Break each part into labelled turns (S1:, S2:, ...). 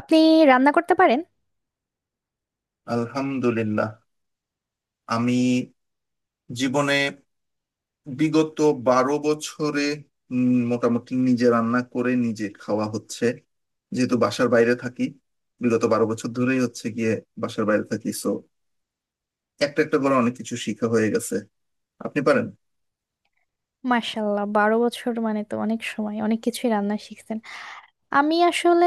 S1: আপনি রান্না করতে পারেন?
S2: আলহামদুলিল্লাহ। আমি জীবনে বিগত 12 বছরে মোটামুটি নিজে রান্না করে নিজে খাওয়া হচ্ছে, যেহেতু বাসার বাইরে থাকি। বিগত বারো বছর ধরেই হচ্ছে গিয়ে বাসার বাইরে থাকি, সো একটা একটা করে অনেক কিছু শিখা হয়ে গেছে। আপনি পারেন?
S1: মাশাল্লাহ, 12 বছর মানে তো অনেক সময়, অনেক কিছুই রান্না শিখছেন। আমি আসলে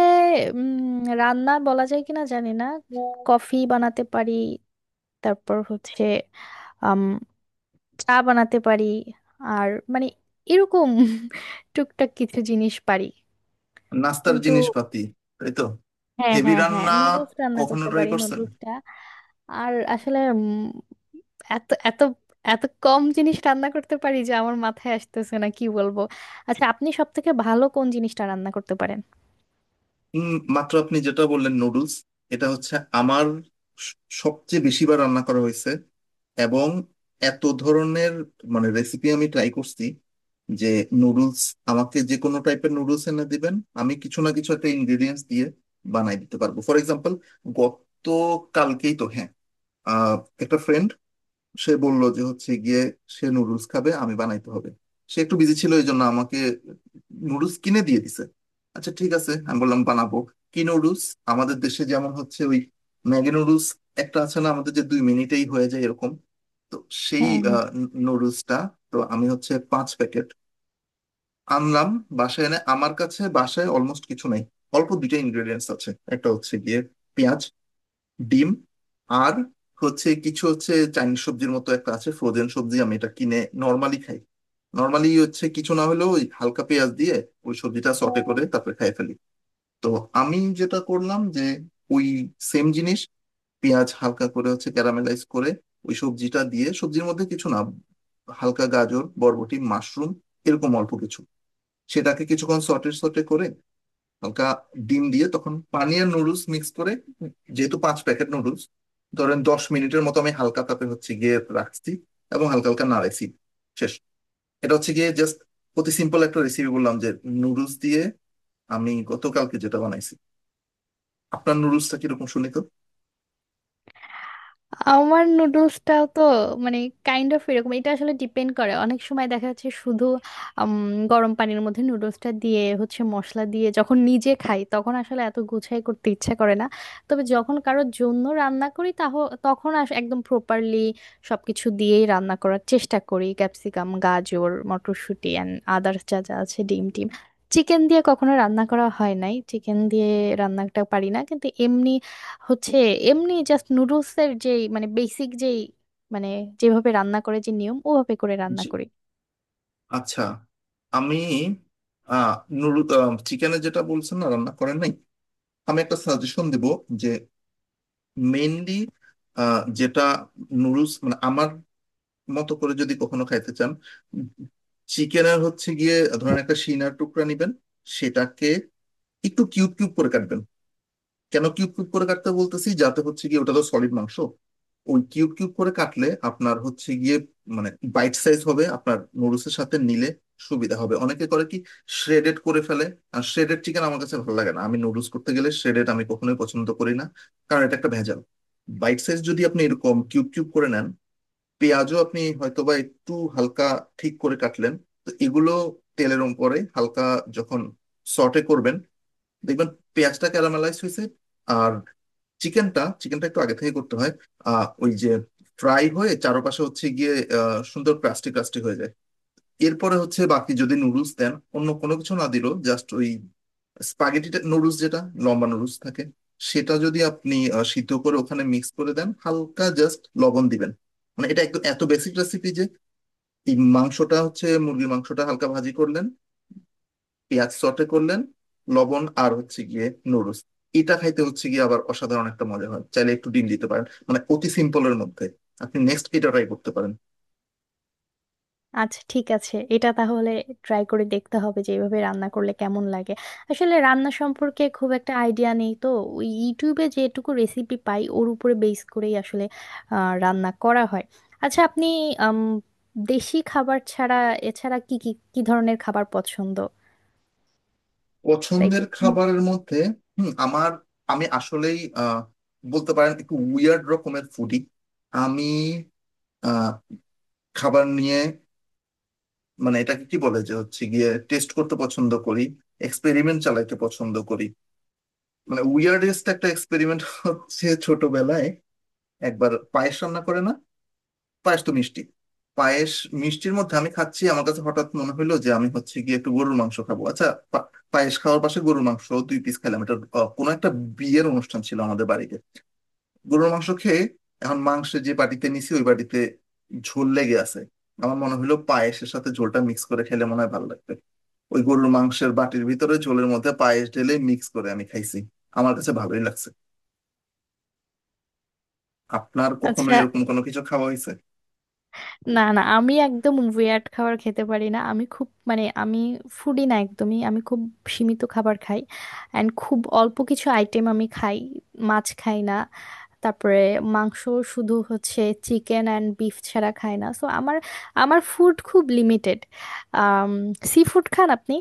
S1: রান্না বলা যায় কিনা জানি না। কফি বানাতে পারি, তারপর হচ্ছে আম, চা বানাতে পারি। আর মানে এরকম টুকটাক কিছু জিনিস পারি,
S2: নাস্তার
S1: কিন্তু
S2: জিনিসপাতি। তাই তো।
S1: হ্যাঁ
S2: হেভি
S1: হ্যাঁ হ্যাঁ,
S2: রান্না
S1: নুডলস রান্না
S2: কখনো
S1: করতে
S2: ট্রাই
S1: পারি,
S2: করছেন?
S1: নুডলসটা। আর আসলে এত এত এত কম জিনিস রান্না করতে পারি যে আমার মাথায় আসতেছে না কি বলবো। আচ্ছা, আপনি সব থেকে ভালো কোন জিনিসটা রান্না করতে পারেন?
S2: মাত্র আপনি যেটা বললেন, নুডলস, এটা হচ্ছে আমার স- সবচেয়ে বেশিবার রান্না করা হয়েছে, এবং এত ধরনের মানে রেসিপি আমি ট্রাই করছি যে নুডলস আমাকে যে কোনো টাইপের নুডলস এনে দিবেন, আমি কিছু না কিছু একটা ইনগ্রেডিয়েন্টস দিয়ে বানাই দিতে পারবো। ফর এক্সাম্পল, গত কালকেই তো, হ্যাঁ, আহ, একটা ফ্রেন্ড, সে বলল যে হচ্ছে গিয়ে সে নুডলস খাবে, আমি বানাইতে হবে। সে একটু বিজি ছিল, এই জন্য আমাকে নুডলস কিনে দিয়ে দিছে। আচ্ছা ঠিক আছে, আমি বললাম বানাবো। কি নুডলস? আমাদের দেশে যেমন হচ্ছে ওই ম্যাগি নুডলস, একটা আছে না আমাদের, যে 2 মিনিটেই হয়ে যায়, এরকম। তো সেই
S1: হ্যাঁ হ্যাঁ।
S2: নুডলসটা। তো আমি হচ্ছে 5 প্যাকেট আনলাম বাসায়। এনে আমার কাছে বাসায় অলমোস্ট কিছু নাই, অল্প দুইটা ইনগ্রেডিয়েন্টস আছে। একটা হচ্ছে গিয়ে পেঁয়াজ, ডিম, আর হচ্ছে কিছু, হচ্ছে চাইনিজ সবজির মতো একটা আছে ফ্রোজেন সবজি, আমি এটা কিনে নর্মালি খাই। নর্মালি হচ্ছে কিছু না হলেও ওই হালকা পেঁয়াজ দিয়ে ওই সবজিটা সটে করে তারপরে খাই ফেলি। তো আমি যেটা করলাম যে ওই সেম জিনিস, পেঁয়াজ হালকা করে হচ্ছে ক্যারামেলাইজ করে ওই সবজিটা দিয়ে, সবজির মধ্যে কিছু না, হালকা গাজর, বরবটি, মাশরুম, এরকম অল্প কিছু। সেটাকে কিছুক্ষণ সটে সটে করে হালকা ডিম দিয়ে, তখন পানি আর নুডলস মিক্স করে, যেহেতু 5 প্যাকেট নুডলস, ধরেন 10 মিনিটের মতো আমি হালকা তাপে হচ্ছে গিয়ে রাখছি এবং হালকা হালকা নাড়াইছি। শেষ। এটা হচ্ছে গিয়ে জাস্ট অতি সিম্পল একটা রেসিপি বললাম যে নুডলস দিয়ে আমি গতকালকে যেটা বানাইছি। আপনার নুডলসটা কিরকম শুনি তো।
S1: আমার নুডলসটাও তো মানে কাইন্ড অফ এরকম। এটা আসলে ডিপেন্ড করে, অনেক সময় দেখা যাচ্ছে শুধু গরম পানির মধ্যে নুডলসটা দিয়ে হচ্ছে মশলা দিয়ে, যখন নিজে খাই তখন আসলে এত গুছাই করতে ইচ্ছা করে না। তবে যখন কারোর জন্য রান্না করি তখন একদম প্রপারলি সবকিছু দিয়েই রান্না করার চেষ্টা করি। ক্যাপসিকাম, গাজর, মটরশুঁটি অ্যান্ড আদার্স, যা যা আছে, ডিম টিম। চিকেন দিয়ে কখনো রান্না করা হয় নাই, চিকেন দিয়ে রান্নাটা পারি না। কিন্তু এমনি হচ্ছে এমনি জাস্ট নুডলস এর যে মানে বেসিক যেই মানে যেভাবে রান্না করে, যে নিয়ম, ওভাবে করে রান্না
S2: জি।
S1: করি।
S2: আচ্ছা। আমি আহ নুডল, চিকেনে যেটা বলছেন না রান্না করেন নাই, আমি একটা সাজেশন দিব যে মেইনলি যেটা নুডলস, মানে আমার মতো করে যদি কখনো খাইতে চান, চিকেনের হচ্ছে গিয়ে ধরেন একটা সিনার টুকরা নিবেন। সেটাকে একটু কিউব কিউব করে কাটবেন। কেন কিউব কিউব করে কাটতে বলতেছি, যাতে হচ্ছে গিয়ে ওটা তো সলিড মাংস, ওই কিউব কিউব করে কাটলে আপনার হচ্ছে গিয়ে মানে বাইট সাইজ হবে, আপনার নুডলসের সাথে নিলে সুবিধা হবে। অনেকে করে কি, শ্রেডেড করে ফেলে। আর শ্রেডেড চিকেন আমার কাছে ভালো লাগে না, আমি নুডলস করতে গেলে শ্রেডেড আমি কখনোই পছন্দ করি না, কারণ এটা একটা ভেজাল। বাইট সাইজ যদি আপনি এরকম কিউব কিউব করে নেন, পেঁয়াজও আপনি হয়তোবা একটু হালকা ঠিক করে কাটলেন, তো এগুলো তেলের উপরে হালকা যখন সটে করবেন, দেখবেন পেঁয়াজটা ক্যারামেলাইজ হয়েছে, আর চিকেনটা চিকেনটা একটু আগে থেকে করতে হয়। ওই যে ফ্রাই হয়ে চারপাশে হচ্ছে গিয়ে সুন্দর ক্রাস্টি ক্রাস্টি হয়ে যায়। এরপরে হচ্ছে বাকি যদি নুডলস দেন, অন্য কোনো কিছু না দিলেও জাস্ট ওই স্পাগেটিটা নুডলস যেটা লম্বা নুডলস থাকে, সেটা যদি আপনি সিদ্ধ করে ওখানে মিক্স করে দেন, হালকা জাস্ট লবণ দিবেন, মানে এটা একদম এত বেসিক রেসিপি যে এই মাংসটা হচ্ছে মুরগির মাংসটা হালকা ভাজি করলেন, পেঁয়াজ সটে করলেন, লবণ আর হচ্ছে গিয়ে নুডলস, এটা খাইতে হচ্ছে গিয়ে আবার অসাধারণ একটা মজা হয়। চাইলে একটু ডিম দিতে পারেন, মানে অতি সিম্পলের মধ্যে আপনি নেক্সট এটা ট্রাই করতে পারেন।
S1: আচ্ছা ঠিক আছে, এটা তাহলে ট্রাই করে দেখতে হবে যে এইভাবে রান্না করলে কেমন লাগে। আসলে রান্না সম্পর্কে খুব একটা আইডিয়া নেই তো, ওই ইউটিউবে যেটুকু রেসিপি পাই ওর উপরে বেস করেই আসলে রান্না করা হয়। আচ্ছা আপনি আম, দেশি খাবার ছাড়া এছাড়া কি কি কি ধরনের খাবার পছন্দ? লাইক?
S2: পছন্দের খাবারের মধ্যে হুম, আমার, আমি আসলেই বলতে পারেন একটু উইয়ার্ড রকমের ফুডি। আমি আহ, খাবার নিয়ে মানে এটাকে কি বলে যে হচ্ছে গিয়ে টেস্ট করতে পছন্দ করি, এক্সপেরিমেন্ট চালাইতে পছন্দ করি। মানে উইয়ার্ডেস্ট একটা এক্সপেরিমেন্ট হচ্ছে ছোটবেলায় একবার পায়েস রান্না করে না, পায়েস তো মিষ্টি, পায়েস মিষ্টির মধ্যে আমি খাচ্ছি, আমার কাছে হঠাৎ মনে হলো যে আমি হচ্ছে গিয়ে একটু গরুর মাংস খাবো। আচ্ছা, পা- পায়েস খাওয়ার পাশে গরুর মাংস দুই পিস খেলাম। এটা কোনো একটা বিয়ের অনুষ্ঠান ছিল আমাদের বাড়িতে। গরুর মাংস খেয়ে এখন মাংস যে বাটিতে নিছি, ওই বাটিতে ঝোল লেগে আছে। আমার মনে হলো পায়েসের সাথে ঝোলটা মিক্স করে খেলে মনে হয় ভালো লাগবে। ওই গরুর মাংসের বাটির ভিতরে ঝোলের মধ্যে পায়েস ঢেলে মিক্স করে আমি খাইছি, আমার কাছে ভালোই লাগছে। আপনার কখনো
S1: আচ্ছা,
S2: এরকম কোনো কিছু খাওয়া হয়েছে?
S1: না না, আমি একদম ওয়ার্ড খাবার খেতে পারি না। আমি খুব মানে, আমি ফুডি না একদমই। আমি খুব সীমিত খাবার খাই অ্যান্ড খুব অল্প কিছু আইটেম আমি খাই। মাছ খাই না, তারপরে মাংস শুধু হচ্ছে চিকেন অ্যান্ড বিফ, ছাড়া খাই না। সো আমার, আমার ফুড খুব লিমিটেড। সি ফুড খান আপনি?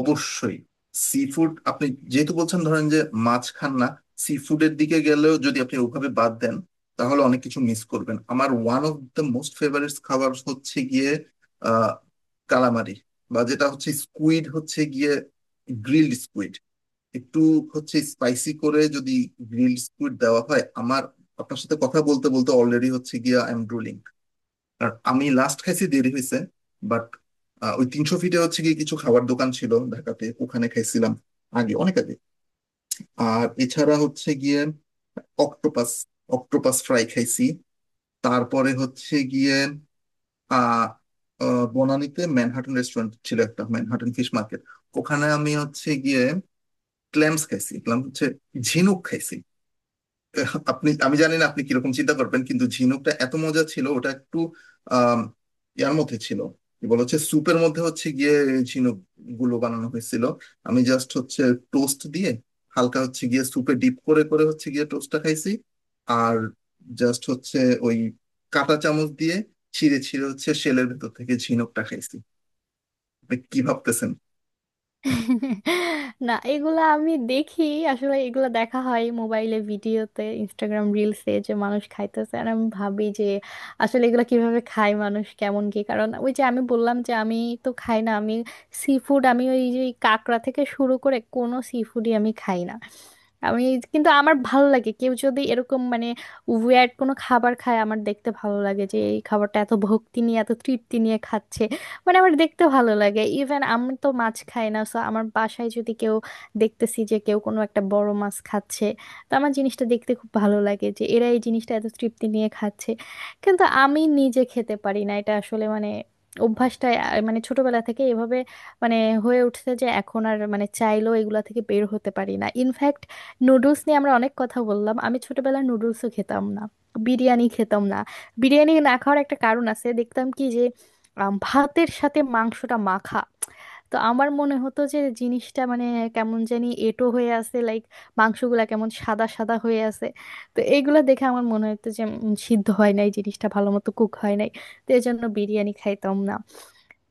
S2: অবশ্যই। সি ফুড আপনি যেহেতু বলছেন ধরেন যে মাছ খান না, সি ফুডের দিকে গেলেও যদি আপনি ওভাবে বাদ দেন, তাহলে অনেক কিছু মিস করবেন। আমার one of the most favourite খাবার হচ্ছে গিয়ে আহ কালামারি, বা যেটা হচ্ছে স্কুইড, হচ্ছে গিয়ে গ্রিলড স্কুইড, একটু হচ্ছে স্পাইসি করে যদি গ্রিলড স্কুইড দেওয়া হয় আমার। আপনার সাথে কথা বলতে বলতে অলরেডি হচ্ছে গিয়ে আই এম ড্রুলিং। আর আমি লাস্ট খাইছি দেরি হয়েছে, বাট ওই 300 ফিটে হচ্ছে গিয়ে কিছু খাবার দোকান ছিল ঢাকাতে, ওখানে খাইছিলাম আগে, অনেক আগে। আর এছাড়া হচ্ছে গিয়ে অক্টোপাস, অক্টোপাস ফ্রাই খাইছি। তারপরে হচ্ছে গিয়ে আহ আহ, বনানীতে ম্যানহাটন রেস্টুরেন্ট ছিল একটা, ম্যানহাটন ফিশ মার্কেট, ওখানে আমি হচ্ছে গিয়ে ক্ল্যাম্স খাইছি, ক্ল্যাম হচ্ছে ঝিনুক, খাইছি। আপনি, আমি জানি না আপনি কিরকম চিন্তা করবেন, কিন্তু ঝিনুকটা এত মজা ছিল। ওটা একটু আহ ইয়ার মধ্যে ছিল, কি বলে, হচ্ছে স্যুপের মধ্যে হচ্ছে গিয়ে ঝিনুক গুলো বানানো হয়েছিল। আমি জাস্ট হচ্ছে টোস্ট দিয়ে হালকা হচ্ছে গিয়ে স্যুপে ডিপ করে করে হচ্ছে গিয়ে টোস্টটা খাইছি, আর জাস্ট হচ্ছে ওই কাঁটা চামচ দিয়ে ছিঁড়ে ছিঁড়ে হচ্ছে শেলের ভেতর থেকে ঝিনুকটা খাইছি। আপনি কি ভাবতেছেন?
S1: না, এগুলা আমি দেখি। আসলে এগুলা দেখা হয় মোবাইলে, ভিডিওতে, ইনস্টাগ্রাম রিলসে যে মানুষ খাইতেছে আর আমি ভাবি যে আসলে এগুলা কিভাবে খায় মানুষ, কেমন কি। কারণ ওই যে আমি বললাম যে আমি তো খাই না আমি সি ফুড। আমি ওই যে কাঁকড়া থেকে শুরু করে কোনো সি ফুডই আমি খাই না। আমি কিন্তু আমার ভালো লাগে কেউ যদি এরকম মানে ওয়ার্ড কোনো খাবার খায়, আমার দেখতে ভালো লাগে যে এই খাবারটা এত ভক্তি নিয়ে, এত তৃপ্তি নিয়ে খাচ্ছে। মানে আমার দেখতে ভালো লাগে। ইভেন আমি তো মাছ খাই না, সো আমার বাসায় যদি কেউ, দেখতেছি যে কেউ কোনো একটা বড় মাছ খাচ্ছে, তো আমার জিনিসটা দেখতে খুব ভালো লাগে যে এরা এই জিনিসটা এত তৃপ্তি নিয়ে খাচ্ছে। কিন্তু আমি নিজে খেতে পারি না। এটা আসলে মানে অভ্যাসটা মানে ছোটবেলা থেকে এভাবে মানে হয়ে উঠছে যে এখন আর মানে চাইলেও এগুলা থেকে বের হতে পারি না। ইনফ্যাক্ট নুডলস নিয়ে আমরা অনেক কথা বললাম, আমি ছোটবেলায় নুডলসও খেতাম না, বিরিয়ানি খেতাম না। বিরিয়ানি না খাওয়ার একটা কারণ আছে, দেখতাম কি যে ভাতের সাথে মাংসটা মাখা। তো আমার মনে হতো যে জিনিসটা মানে কেমন জানি এঁটো হয়ে আছে, লাইক মাংসগুলা কেমন সাদা সাদা হয়ে আছে। তো এইগুলা দেখে আমার মনে হতো যে সিদ্ধ হয় নাই জিনিসটা, ভালো মতো কুক হয় নাই। তো এই জন্য বিরিয়ানি খাইতাম না।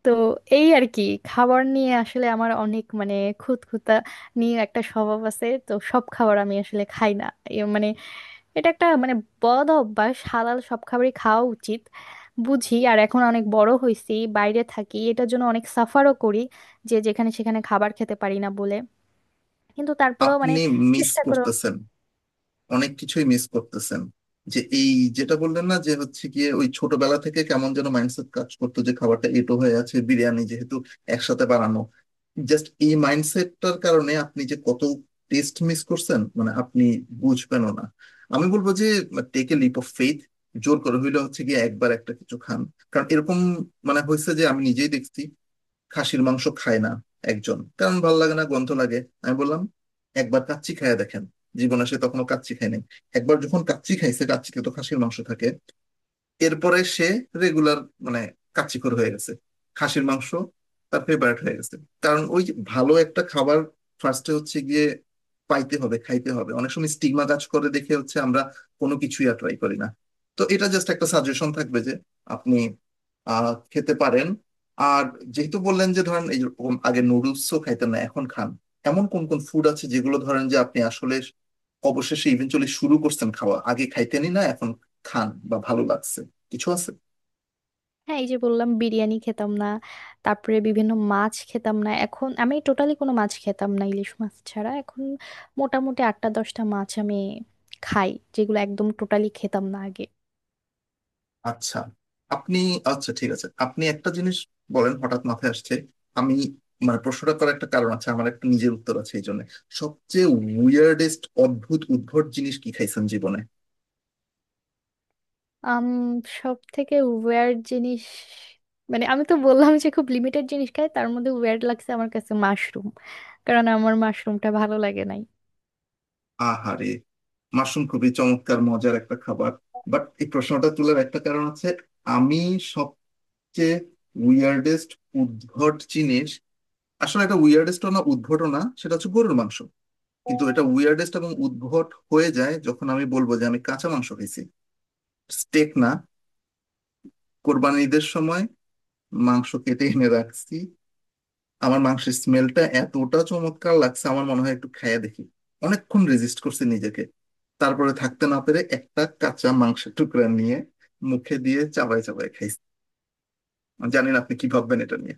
S1: তো এই আর কি, খাবার নিয়ে আসলে আমার অনেক মানে খুঁতখুঁতা নিয়ে একটা স্বভাব আছে, তো সব খাবার আমি আসলে খাই না। এ মানে এটা একটা মানে বদ অভ্যাস, হালাল সব খাবারই খাওয়া উচিত বুঝি। আর এখন অনেক বড় হয়েছি, বাইরে থাকি, এটার জন্য অনেক সাফারও করি যে যেখানে সেখানে খাবার খেতে পারি না বলে। কিন্তু তারপরেও মানে
S2: আপনি মিস
S1: চেষ্টা করে।
S2: করতেছেন, অনেক কিছুই মিস করতেছেন। যে এই যেটা বললেন না যে হচ্ছে গিয়ে ওই ছোটবেলা থেকে কেমন যেন মাইন্ডসেট কাজ করতো যে খাবারটা এঁটো হয়ে আছে, বিরিয়ানি যেহেতু একসাথে বানানো, জাস্ট এই মাইন্ডসেটটার কারণে আপনি যে কত টেস্ট মিস করছেন, মানে আপনি বুঝবেনও না। আমি বলবো যে take a leap of faith. জোর করে হইলে হচ্ছে গিয়ে একবার একটা কিছু খান। কারণ এরকম মানে হয়েছে যে আমি নিজেই দেখছি, খাসির মাংস খায় না একজন, কারণ ভালো লাগে না, গন্ধ লাগে। আমি বললাম একবার কাচ্চি খায়া দেখেন। জীবনে সে তখনো কাচ্চি খায় নাই। একবার যখন কাচ্চি খাইছে, কাচ্চিতে তো খাসির মাংস থাকে, এরপরে সে রেগুলার মানে কাচ্চিকর হয়ে গেছে, খাসির মাংস তার ফেভারিট হয়ে গেছে, কারণ ওই যে ভালো একটা খাবার ফার্স্টে হচ্ছে গিয়ে পাইতে হবে, খাইতে হবে। অনেক সময় স্টিগমা কাজ করে দেখে হচ্ছে আমরা কোনো কিছুই আর ট্রাই করি না। তো এটা জাস্ট একটা সাজেশন থাকবে যে আপনি আহ খেতে পারেন। আর যেহেতু বললেন যে ধরেন এই রকম আগে নুডলসও খাইতেন না এখন খান, এমন কোন কোন ফুড আছে যেগুলো ধরেন যে আপনি আসলে অবশেষে ইভেনচুয়ালি শুরু করছেন খাওয়া, আগে খাইতেনই না এখন খান বা ভালো লাগছে, কিছু আছে?
S1: হ্যাঁ, এই যে বললাম বিরিয়ানি খেতাম না, তারপরে বিভিন্ন মাছ খেতাম না। এখন আমি টোটালি কোনো মাছ খেতাম না ইলিশ মাছ ছাড়া, এখন মোটামুটি 8-10টা মাছ আমি খাই, যেগুলো একদম টোটালি খেতাম না আগে।
S2: আচ্ছা। আপনি, আচ্ছা ঠিক আছে, আপনি একটা জিনিস বলেন, হঠাৎ মাথায় আসছে আমি, মানে প্রশ্নটা করার একটা কারণ আছে, আমার একটা নিজের উত্তর আছে এই জন্য, সবচেয়ে উইয়ার্ডেস্ট, অদ্ভুত উদ্ভট জিনিস কি খাইছেন জীবনে?
S1: আম সব থেকে ওয়ার্ড জিনিস মানে আমি তো বললাম যে খুব লিমিটেড জিনিস খাই, তার মধ্যে ওয়ার্ড লাগছে আমার কাছে মাশরুম, কারণ আমার মাশরুমটা ভালো লাগে নাই।
S2: আহারে। মাশরুম খুবই চমৎকার মজার একটা খাবার। বাট এই প্রশ্নটা তোলার একটা কারণ আছে। আমি সবচেয়ে উইয়ার্ডেস্ট উদ্ভট জিনিস, আসলে এটা উইয়ার্ডেস্ট না উদ্ভটও না, সেটা হচ্ছে গরুর মাংস, কিন্তু এটা উইয়ার্ডেস্ট এবং উদ্ভট হয়ে যায় যখন আমি বলবো যে আমি কাঁচা মাংস খাইছি। স্টেক না। কোরবানির ঈদের সময় মাংস কেটে এনে রাখছি, আমার মাংসের স্মেলটা এতটা চমৎকার লাগছে, আমার মনে হয় একটু খাইয়া দেখি। অনেকক্ষণ রেজিস্ট করছি নিজেকে, তারপরে থাকতে না পেরে একটা কাঁচা মাংসের টুকরা নিয়ে মুখে দিয়ে চাবাই চাবাই খাইছি। জানি না আপনি কি ভাববেন এটা নিয়ে।